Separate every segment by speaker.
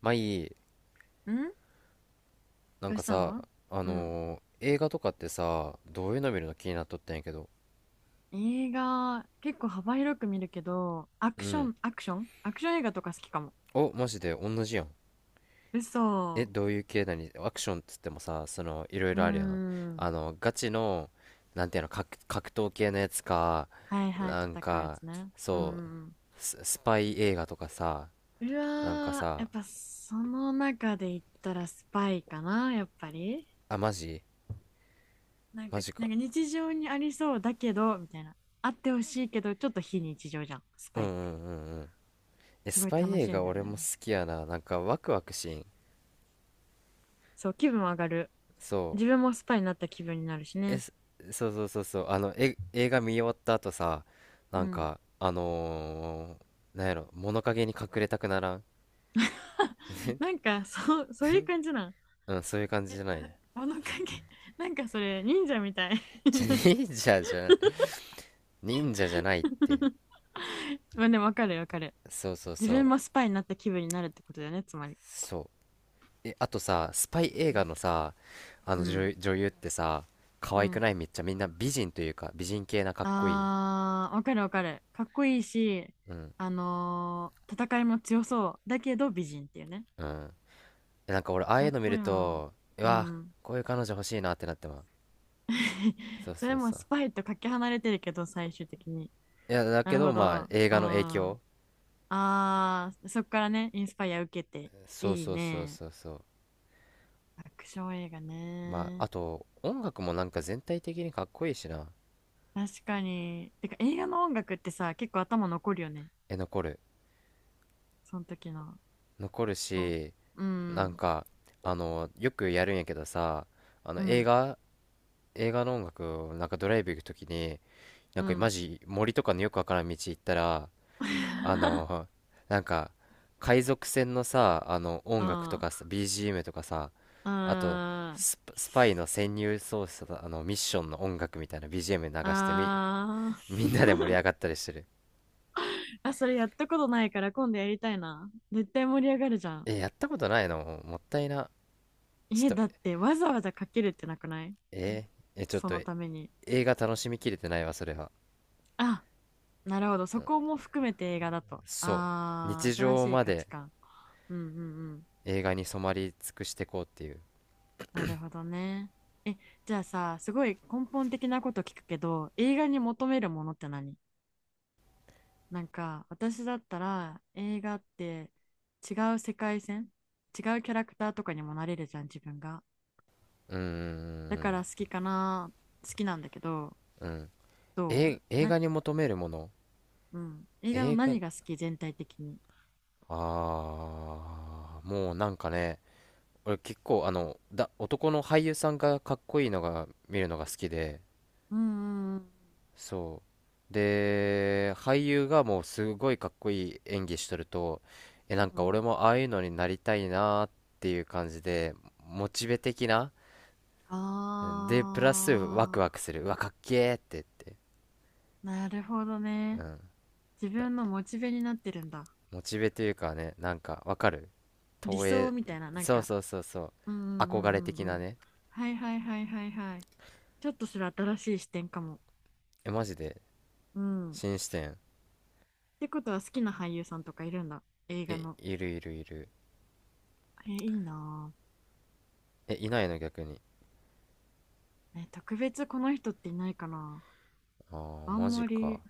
Speaker 1: まあいい、
Speaker 2: ん。
Speaker 1: なん
Speaker 2: どう
Speaker 1: か
Speaker 2: した
Speaker 1: さ、
Speaker 2: の？うん。
Speaker 1: 映画とかってさ、どういうの見るの気になっとったんやけど。
Speaker 2: 映画、結構幅広く見るけど、ア
Speaker 1: う
Speaker 2: クショ
Speaker 1: ん。
Speaker 2: ン、アクションアクション映画とか好きかも。
Speaker 1: お、マジで同じやん。え、
Speaker 2: 嘘。
Speaker 1: どういう系なにアクションっつってもさ、その、いろい
Speaker 2: うー
Speaker 1: ろあるやん。
Speaker 2: ん。
Speaker 1: ガチの、なんていうの、格闘系のやつか、
Speaker 2: はいはい、
Speaker 1: なん
Speaker 2: 戦うや
Speaker 1: か、
Speaker 2: つね。うんう
Speaker 1: そう、
Speaker 2: ん
Speaker 1: スパイ映画とかさ、
Speaker 2: うん。う
Speaker 1: なんか
Speaker 2: わー、やっ
Speaker 1: さ、
Speaker 2: ぱその中で言ったらスパイかな、やっぱり。
Speaker 1: あ、マジ
Speaker 2: なん
Speaker 1: マ
Speaker 2: か、
Speaker 1: ジ
Speaker 2: な
Speaker 1: か。
Speaker 2: んか日常にありそうだけど、みたいな。あってほしいけど、ちょっと非日常じゃん、ス
Speaker 1: う
Speaker 2: パ
Speaker 1: ん
Speaker 2: イ
Speaker 1: う
Speaker 2: っ
Speaker 1: んう
Speaker 2: て。
Speaker 1: んうん。え、
Speaker 2: すご
Speaker 1: ス
Speaker 2: い
Speaker 1: パイ
Speaker 2: 楽し
Speaker 1: 映
Speaker 2: いん
Speaker 1: 画
Speaker 2: だよ
Speaker 1: 俺も
Speaker 2: ね。
Speaker 1: 好きやな。なんかワクワクしん。
Speaker 2: そう、気分上がる。
Speaker 1: そ
Speaker 2: 自
Speaker 1: う。
Speaker 2: 分もスパイになった気分になるし
Speaker 1: え、
Speaker 2: ね。
Speaker 1: そうそうそうそう、え、映画見終わった後さ、
Speaker 2: う
Speaker 1: なん
Speaker 2: ん。
Speaker 1: か、なんやろ、物陰に隠れたくならん？
Speaker 2: なんかそうそういう感じなん？
Speaker 1: うん、そういう感じじゃない。
Speaker 2: 物陰。 なんかそれ忍者みたい。
Speaker 1: じゃ、忍者じゃない。忍者じゃないって。
Speaker 2: まあでもわかるわかる。
Speaker 1: そうそう
Speaker 2: 自
Speaker 1: そ
Speaker 2: 分
Speaker 1: う。
Speaker 2: もスパイになった気分になるってことだよね、つまり。
Speaker 1: そう。え、あとさ、スパイ映画のさ、あ
Speaker 2: う
Speaker 1: の
Speaker 2: ん
Speaker 1: 女、女優ってさ、可
Speaker 2: う
Speaker 1: 愛く
Speaker 2: ん。
Speaker 1: ないめっちゃみんな美人というか、美人系なかっこいい。
Speaker 2: あー、わかるわかる。かっこいいし、
Speaker 1: うん。
Speaker 2: 戦いも強そうだけど美人っていうね。
Speaker 1: うん。え、なんか俺、ああいう
Speaker 2: 最
Speaker 1: の見
Speaker 2: 高
Speaker 1: る
Speaker 2: やん。
Speaker 1: と、う
Speaker 2: う
Speaker 1: わ、
Speaker 2: ん。
Speaker 1: こういう彼女欲しいなってなってまう。そう
Speaker 2: そ
Speaker 1: そ
Speaker 2: れ
Speaker 1: う
Speaker 2: も
Speaker 1: そう。
Speaker 2: スパイとかけ離れてるけど、最終的に。
Speaker 1: いや、だ
Speaker 2: な
Speaker 1: け
Speaker 2: る
Speaker 1: ど、
Speaker 2: ほど。
Speaker 1: まあ、
Speaker 2: あ、
Speaker 1: 映画の影
Speaker 2: あ
Speaker 1: 響。
Speaker 2: あ、そっからね、インスパイア受けて。
Speaker 1: そう
Speaker 2: いい
Speaker 1: そうそう
Speaker 2: ね。
Speaker 1: そうそう。
Speaker 2: アクション映画
Speaker 1: まあ、
Speaker 2: ね。
Speaker 1: あと、音楽もなんか全体的にかっこいいしな。
Speaker 2: 確かに。てか、映画の音楽ってさ、結構頭残るよね。
Speaker 1: え、残る？
Speaker 2: その時の。
Speaker 1: 残る
Speaker 2: こ
Speaker 1: し、
Speaker 2: う
Speaker 1: なん
Speaker 2: ん
Speaker 1: か、よくやるんやけどさ、あの、
Speaker 2: う
Speaker 1: 映
Speaker 2: ん、
Speaker 1: 画、映画の音楽をなんかドライブ行くときに、な
Speaker 2: う
Speaker 1: んかマ
Speaker 2: ん、
Speaker 1: ジ森とかのよくわからん道行ったら、
Speaker 2: う
Speaker 1: あ
Speaker 2: ん。
Speaker 1: の、なんか、海賊船のさ、
Speaker 2: う
Speaker 1: 音楽と
Speaker 2: ん。
Speaker 1: かさ、
Speaker 2: あ
Speaker 1: BGM とかさ、あと、スパイの潜入捜査の、ミッションの音楽みたいな BGM 流してみ、
Speaker 2: あー。
Speaker 1: みんなで盛り 上がったりしてる。
Speaker 2: あ、それやったことないから今度やりたいな。絶対盛り上がるじゃん。
Speaker 1: え、やったことないのもったいな。ち
Speaker 2: え、
Speaker 1: ょっ
Speaker 2: だ
Speaker 1: と、
Speaker 2: ってわざわざかけるってなくない？
Speaker 1: えーえ、ちょっ
Speaker 2: そ
Speaker 1: と、
Speaker 2: のために。
Speaker 1: 映画楽しみきれてないわ、それは。
Speaker 2: あ、なるほど。そこも含めて映画だと。
Speaker 1: そう。
Speaker 2: ああ、
Speaker 1: 日
Speaker 2: 新
Speaker 1: 常
Speaker 2: しい
Speaker 1: ま
Speaker 2: 価
Speaker 1: で
Speaker 2: 値観。うんうんうん。
Speaker 1: 映画に染まり尽くしてこうっていう。
Speaker 2: なるほどね。え、じゃあさ、すごい根本的なこと聞くけど、映画に求めるものって何？なんか、私だったら映画って、違う世界線、違うキャラクターとかにもなれるじゃん、自分が。
Speaker 1: うー
Speaker 2: だか
Speaker 1: ん、
Speaker 2: ら好きかな、好きなんだけど、
Speaker 1: うん。
Speaker 2: どう
Speaker 1: え、映
Speaker 2: な、
Speaker 1: 画に求めるもの？
Speaker 2: うん。映画の
Speaker 1: 映画、
Speaker 2: 何が好き、全体的に。
Speaker 1: もうなんかね、俺結構男の俳優さんがかっこいいのが見るのが好きで、
Speaker 2: うんうんうん。
Speaker 1: そう。で、俳優がもうすごいかっこいい演技しとると、え、なん
Speaker 2: うん
Speaker 1: か
Speaker 2: う
Speaker 1: 俺
Speaker 2: ん。
Speaker 1: もああいうのになりたいなーっていう感じで、モチベ的な、
Speaker 2: あ
Speaker 1: で、プラスワクワク
Speaker 2: あ。
Speaker 1: する。うわ、かっけーって言って。
Speaker 2: なるほど
Speaker 1: う
Speaker 2: ね。
Speaker 1: ん。
Speaker 2: 自
Speaker 1: な
Speaker 2: 分のモチベになってるんだ。
Speaker 1: モチベというかね、なんかわかる？
Speaker 2: 理
Speaker 1: 投
Speaker 2: 想
Speaker 1: 影、
Speaker 2: みたいな、なん
Speaker 1: そう
Speaker 2: か。
Speaker 1: そうそうそう。
Speaker 2: うんうんう
Speaker 1: 憧れ
Speaker 2: んう
Speaker 1: 的
Speaker 2: んう
Speaker 1: な
Speaker 2: ん。
Speaker 1: ね。
Speaker 2: はいはいはいはいはい。ちょっとそれ新しい視点かも。
Speaker 1: え、マジで。
Speaker 2: うん。っ
Speaker 1: 新視点。
Speaker 2: てことは好きな俳優さんとかいるんだ。映画
Speaker 1: え、
Speaker 2: の。
Speaker 1: いるいるいる。
Speaker 2: え、いいな
Speaker 1: え、いないの逆に？
Speaker 2: ぁ。え、特別この人っていないかな。
Speaker 1: ああ、
Speaker 2: あ
Speaker 1: マ
Speaker 2: ん
Speaker 1: ジ
Speaker 2: ま
Speaker 1: か。
Speaker 2: り、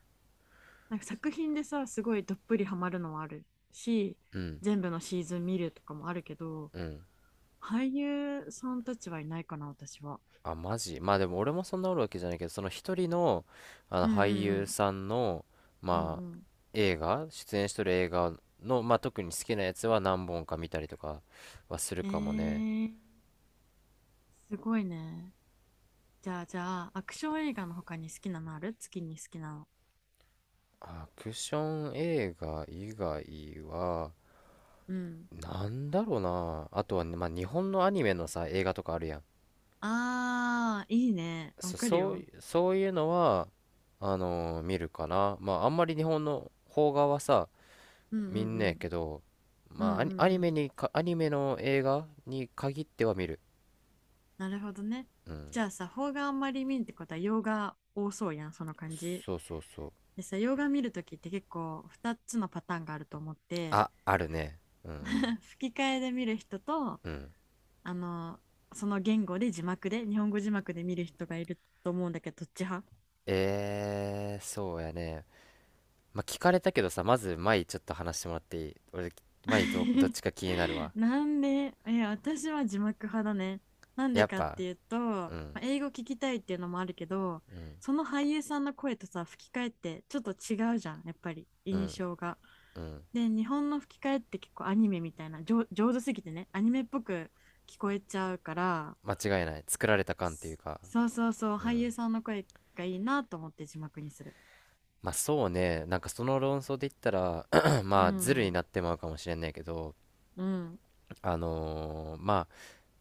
Speaker 2: なんか作品でさ、すごいどっぷりハマるのはあるし、
Speaker 1: うん、
Speaker 2: 全部のシーズン見るとかもあるけど、
Speaker 1: うん。
Speaker 2: 俳優さんたちはいないかな、私は。
Speaker 1: あ、マジ。まあでも俺もそんなおるわけじゃないけど、その一人の、あの
Speaker 2: うん
Speaker 1: 俳
Speaker 2: う
Speaker 1: 優
Speaker 2: ん
Speaker 1: さんの、
Speaker 2: うん。う
Speaker 1: まあ、
Speaker 2: ん。
Speaker 1: 出演しとる映画の、まあ特に好きなやつは何本か見たりとかはする
Speaker 2: え
Speaker 1: かもね。
Speaker 2: ー、すごいね。じゃあ、アクション映画の他に好きなのある？月に好きなの。
Speaker 1: アクション映画以外は、
Speaker 2: うん。
Speaker 1: なんだろうな。あとはね、まあ日本のアニメのさ、映画とかあるやん。
Speaker 2: ああ、いいね。わ
Speaker 1: そ、
Speaker 2: かる
Speaker 1: そう
Speaker 2: よ。
Speaker 1: い、そういうのは、見るかな。まあ、あんまり日本の邦画はさ、
Speaker 2: うんう
Speaker 1: 見
Speaker 2: ん
Speaker 1: ん
Speaker 2: う
Speaker 1: ねえけ
Speaker 2: ん。
Speaker 1: ど、
Speaker 2: う
Speaker 1: ま
Speaker 2: んう
Speaker 1: あ、アニ、ア
Speaker 2: んう
Speaker 1: ニメ
Speaker 2: ん。
Speaker 1: にか、アニメの映画に限っては見る。
Speaker 2: なるほどね。
Speaker 1: うん。
Speaker 2: じゃあさ、邦画あんまり見んってことは洋画多そうやん、その感じ。
Speaker 1: そうそうそう。
Speaker 2: でさ、洋画見るときって結構2つのパターンがあると思って、
Speaker 1: あ、あるね。うん。
Speaker 2: 吹き替えで見る人と、
Speaker 1: うん。
Speaker 2: あの、その言語で字幕で、日本語字幕で見る人がいると思うんだけど、どっち派？
Speaker 1: そうやね。まあ、聞かれたけどさ、まず、前ちょっと話してもらっていい？俺、前ど、どっ ちか気になるわ。
Speaker 2: なんで、え、私は字幕派だね。なんで
Speaker 1: やっ
Speaker 2: かっ
Speaker 1: ぱ、
Speaker 2: ていうと、ま
Speaker 1: うん、
Speaker 2: あ英語聞きたいっていうのもあるけど、
Speaker 1: うん、
Speaker 2: その俳優さんの声とさ、吹き替えってちょっと違うじゃん、やっぱり
Speaker 1: う
Speaker 2: 印
Speaker 1: ん、
Speaker 2: 象が。
Speaker 1: うん。
Speaker 2: で、日本の吹き替えって結構アニメみたいな、上手すぎてね、アニメっぽく聞こえちゃうから、
Speaker 1: 間違いない。作られた感っていうか、
Speaker 2: そそうそうそう、
Speaker 1: う
Speaker 2: 俳
Speaker 1: ん。
Speaker 2: 優さんの声がいいなと思って字幕にする。
Speaker 1: まあそうね、なんかその論争で言ったら、
Speaker 2: う
Speaker 1: まあズルに
Speaker 2: ん、
Speaker 1: なってまうかもしれないけど、
Speaker 2: うん、
Speaker 1: まあ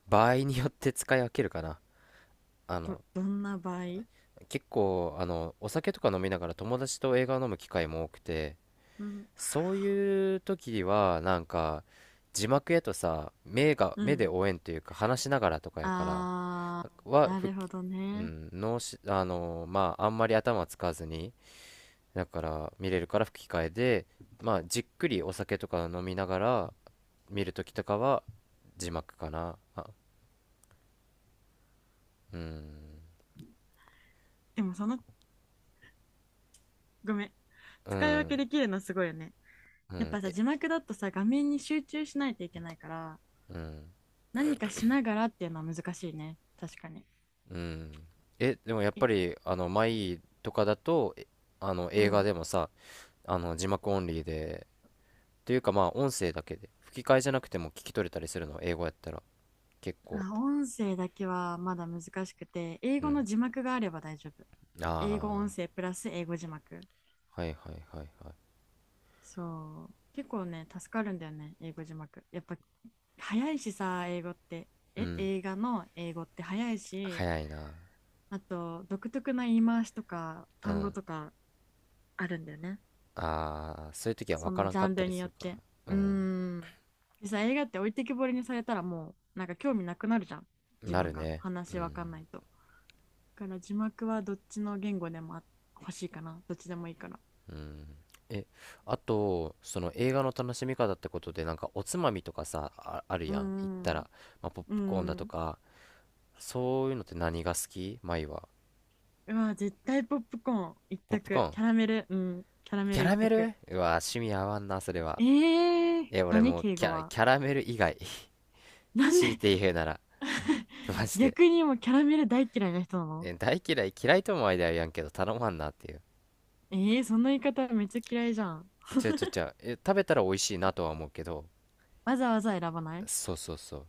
Speaker 1: 場合によって使い分けるかな。あ
Speaker 2: ど、
Speaker 1: の、
Speaker 2: どんな場合？
Speaker 1: 結構、お酒とか飲みながら友達と映画を飲む機会も多くて、
Speaker 2: うん、
Speaker 1: そういう時は、なんか、字幕やとさ、目が、
Speaker 2: う
Speaker 1: 目で
Speaker 2: ん。
Speaker 1: 応援というか話しながらとかやから、
Speaker 2: あー、
Speaker 1: は、
Speaker 2: な
Speaker 1: ふっ
Speaker 2: るほど
Speaker 1: う
Speaker 2: ね。
Speaker 1: ん、まああんまり頭使わずに、だから見れるから吹き替えで、まあ、じっくりお酒とか飲みながら見るときとかは字幕かな。あ、うん、
Speaker 2: でもその、ごめん。
Speaker 1: う
Speaker 2: 使い分け
Speaker 1: ん、
Speaker 2: できるのすごいよね。
Speaker 1: う
Speaker 2: やっ
Speaker 1: ん、
Speaker 2: ぱさ、
Speaker 1: え、
Speaker 2: 字幕だとさ、画面に集中しないといけないから、
Speaker 1: うん、
Speaker 2: 何かしながらっていうのは難しいね。確かに。
Speaker 1: うん。え、でもやっ
Speaker 2: え、
Speaker 1: ぱり、マイとかだと、え
Speaker 2: う
Speaker 1: 映画
Speaker 2: ん。
Speaker 1: でもさ、字幕オンリーで、というかまあ、音声だけで、吹き替えじゃなくても聞き取れたりするの、英語やったら、結構。
Speaker 2: あ、音声だけはまだ難しくて、英
Speaker 1: う
Speaker 2: 語の
Speaker 1: ん。
Speaker 2: 字幕があれば大丈夫。英語
Speaker 1: あ
Speaker 2: 音声プラス英語字幕。
Speaker 1: あ、はいはいはいはい。
Speaker 2: そう。結構ね、助かるんだよね、英語字幕。やっぱ、早いしさ、英語って。
Speaker 1: う
Speaker 2: え、
Speaker 1: ん、
Speaker 2: 映画の英語って早いし、
Speaker 1: 早いな。
Speaker 2: あと、独特な言い回しとか
Speaker 1: う
Speaker 2: 単語
Speaker 1: ん。
Speaker 2: とかあるんだよね。
Speaker 1: ああ、そういう時は分
Speaker 2: そ
Speaker 1: か
Speaker 2: の
Speaker 1: らん
Speaker 2: ジ
Speaker 1: か
Speaker 2: ャ
Speaker 1: っ
Speaker 2: ン
Speaker 1: た
Speaker 2: ル
Speaker 1: り
Speaker 2: に
Speaker 1: す
Speaker 2: よっ
Speaker 1: るか。
Speaker 2: て。
Speaker 1: う
Speaker 2: う
Speaker 1: ん。
Speaker 2: ーん。でさ、映画って置いてきぼりにされたらもう、なんか興味なくなるじゃん。自
Speaker 1: な
Speaker 2: 分
Speaker 1: る
Speaker 2: が。
Speaker 1: ね。う
Speaker 2: 話わ
Speaker 1: ん。
Speaker 2: かんないと。だから字幕はどっちの言語でも欲しいかな。どっちでもいいから。
Speaker 1: うん。え、あと、その映画の楽しみ方ってことで、なんかおつまみとかさ、あ、ある
Speaker 2: うー
Speaker 1: やん。行った
Speaker 2: ん。
Speaker 1: ら、まあ、ポッ
Speaker 2: うー
Speaker 1: プコーンだと
Speaker 2: ん。
Speaker 1: か、そういうのって何が好き舞は？
Speaker 2: うわ、絶対ポップコーン一
Speaker 1: ポップコ
Speaker 2: 択。
Speaker 1: ーン。
Speaker 2: キャラメル、うん。キャラメ
Speaker 1: キャ
Speaker 2: ル一
Speaker 1: ラメ
Speaker 2: 択。
Speaker 1: ル、うわ、趣味合わんな、それは。
Speaker 2: えー、
Speaker 1: え、俺
Speaker 2: 何
Speaker 1: もう
Speaker 2: 敬
Speaker 1: キ
Speaker 2: 語
Speaker 1: ャ、
Speaker 2: は。
Speaker 1: キャラメル以外。
Speaker 2: なん
Speaker 1: 強い
Speaker 2: で？
Speaker 1: て言うなら。マジで。
Speaker 2: 逆にもうキャラメル大嫌いな人なの？
Speaker 1: え、大嫌い、嫌いとも間やんけど、頼まんなっていう。
Speaker 2: えー、その言い方めっちゃ嫌いじゃん。
Speaker 1: ちょちょちょ、え、食べたら美味しいなとは思うけど、
Speaker 2: わざわざ選ばない？
Speaker 1: そうそうそう。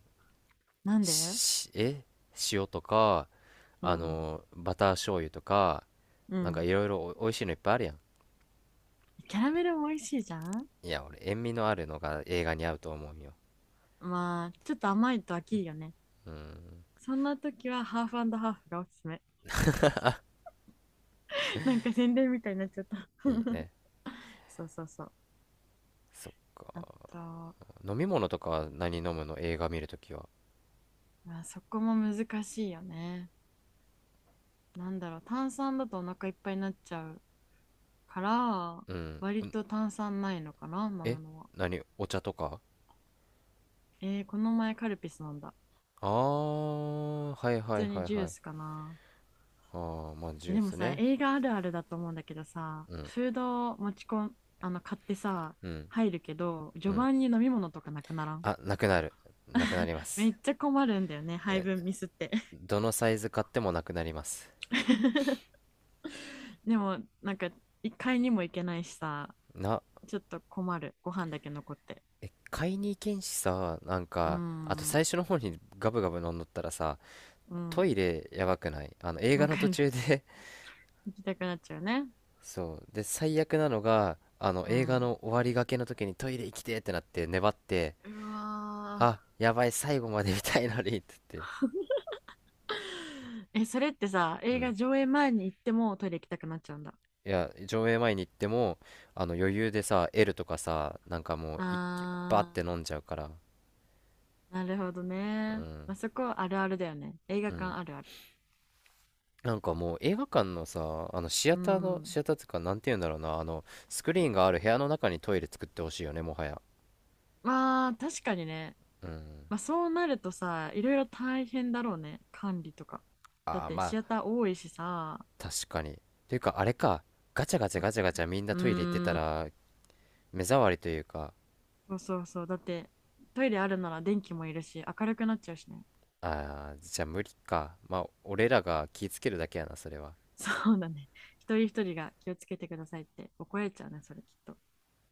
Speaker 2: なんで？
Speaker 1: し、え塩とか、
Speaker 2: うん。
Speaker 1: バター醤油とか、
Speaker 2: う
Speaker 1: なんか
Speaker 2: ん。
Speaker 1: いろいろお美味しいのいっぱいあるやん。
Speaker 2: キャラメルも美味しいじゃん。
Speaker 1: いや、俺、塩味のあるのが映画に合うと思うんよ。
Speaker 2: まあ、ちょっと甘いと飽きるよね。
Speaker 1: うん、
Speaker 2: そんな時はハーフハーフがおすすめ。なんか宣伝みたいになっちゃった。
Speaker 1: いいね。
Speaker 2: そうそうそう。
Speaker 1: そっか。
Speaker 2: あと、
Speaker 1: 飲み物とかは何飲むの映画見るときは？
Speaker 2: まあ、そこも難しいよね。なんだろう、炭酸だとお腹いっぱいになっちゃうから、
Speaker 1: うん。
Speaker 2: 割と炭酸ないのかな、飲む
Speaker 1: え
Speaker 2: のは。
Speaker 1: 何？お茶とか？
Speaker 2: えー、この前カルピス飲んだ。
Speaker 1: あー、はいは
Speaker 2: 普
Speaker 1: い
Speaker 2: 通に
Speaker 1: はい
Speaker 2: ジュー
Speaker 1: は
Speaker 2: ス
Speaker 1: い。
Speaker 2: かな。
Speaker 1: あー、まあ、ジ
Speaker 2: え、
Speaker 1: ュー
Speaker 2: でも
Speaker 1: ス
Speaker 2: さ、
Speaker 1: ね。
Speaker 2: 映画あるあるだと思うんだけどさ、フードを持ち込ん、買ってさ、
Speaker 1: うん、
Speaker 2: 入るけど、
Speaker 1: う
Speaker 2: 序
Speaker 1: ん。
Speaker 2: 盤に飲み物とかなくならん？
Speaker 1: あ、なくなる。なくなり ま
Speaker 2: め
Speaker 1: す。
Speaker 2: っちゃ困るんだよね、配分ミスって。
Speaker 1: どのサイズ買ってもなくなります。
Speaker 2: でも、なんか、一回にも行けないしさ、
Speaker 1: な
Speaker 2: ちょっと困る、ご飯だけ残って。
Speaker 1: 買いに行けんしさ、なん
Speaker 2: うー
Speaker 1: か、あと
Speaker 2: ん、
Speaker 1: 最初の方にガブガブ飲んどったらさ、
Speaker 2: う
Speaker 1: ト
Speaker 2: ん、
Speaker 1: イレやばくない？あの映画
Speaker 2: わ
Speaker 1: の
Speaker 2: か
Speaker 1: 途
Speaker 2: る。
Speaker 1: 中で。
Speaker 2: 行きたくなっちゃうね。
Speaker 1: そう。で、最悪なのが、あの
Speaker 2: う
Speaker 1: 映画
Speaker 2: ん。
Speaker 1: の終わりがけの時にトイレ行きてってなって粘って、
Speaker 2: うわ
Speaker 1: あ、やばい、最後まで見たいのにって言って。
Speaker 2: ー。え、それってさ、
Speaker 1: う
Speaker 2: 映画
Speaker 1: ん。
Speaker 2: 上映前に行ってもトイレ行きたくなっちゃうんだ。
Speaker 1: いや、上映前に行っても、余裕でさ、L とかさ、なんかもう一気、バーっ
Speaker 2: あー。
Speaker 1: て飲んじゃうから。
Speaker 2: なるほど
Speaker 1: う
Speaker 2: ね。
Speaker 1: ん。
Speaker 2: まあ、そこあるあるだよね。映画
Speaker 1: うん。
Speaker 2: 館あるある。
Speaker 1: なんかもう映画館のさ、あのシア
Speaker 2: う
Speaker 1: ターの、
Speaker 2: ん。
Speaker 1: シアターっていうか、なんて言うんだろうな、スクリーンがある部屋の中にトイレ作ってほしいよね、もはや。
Speaker 2: まあ、確かにね。
Speaker 1: うん。
Speaker 2: まあ、そうなるとさ、いろいろ大変だろうね。管理とか。だっ
Speaker 1: ああ、
Speaker 2: て、
Speaker 1: ま
Speaker 2: シ
Speaker 1: あ、
Speaker 2: アター多いしさ。
Speaker 1: 確かに。ていうか、あれか、ガチャガチャ
Speaker 2: おう
Speaker 1: ガチャガチャみんなトイレ行ってた
Speaker 2: ーん。
Speaker 1: ら、目障りというか、
Speaker 2: そうそうそう。だって、トイレあるなら電気もいるし、明るくなっちゃうしね。
Speaker 1: ああ、じゃあ無理か。まあ、俺らが気ぃつけるだけやな、それは。
Speaker 2: そうだね。一人一人が気をつけてくださいって怒られちゃうね、それきっと。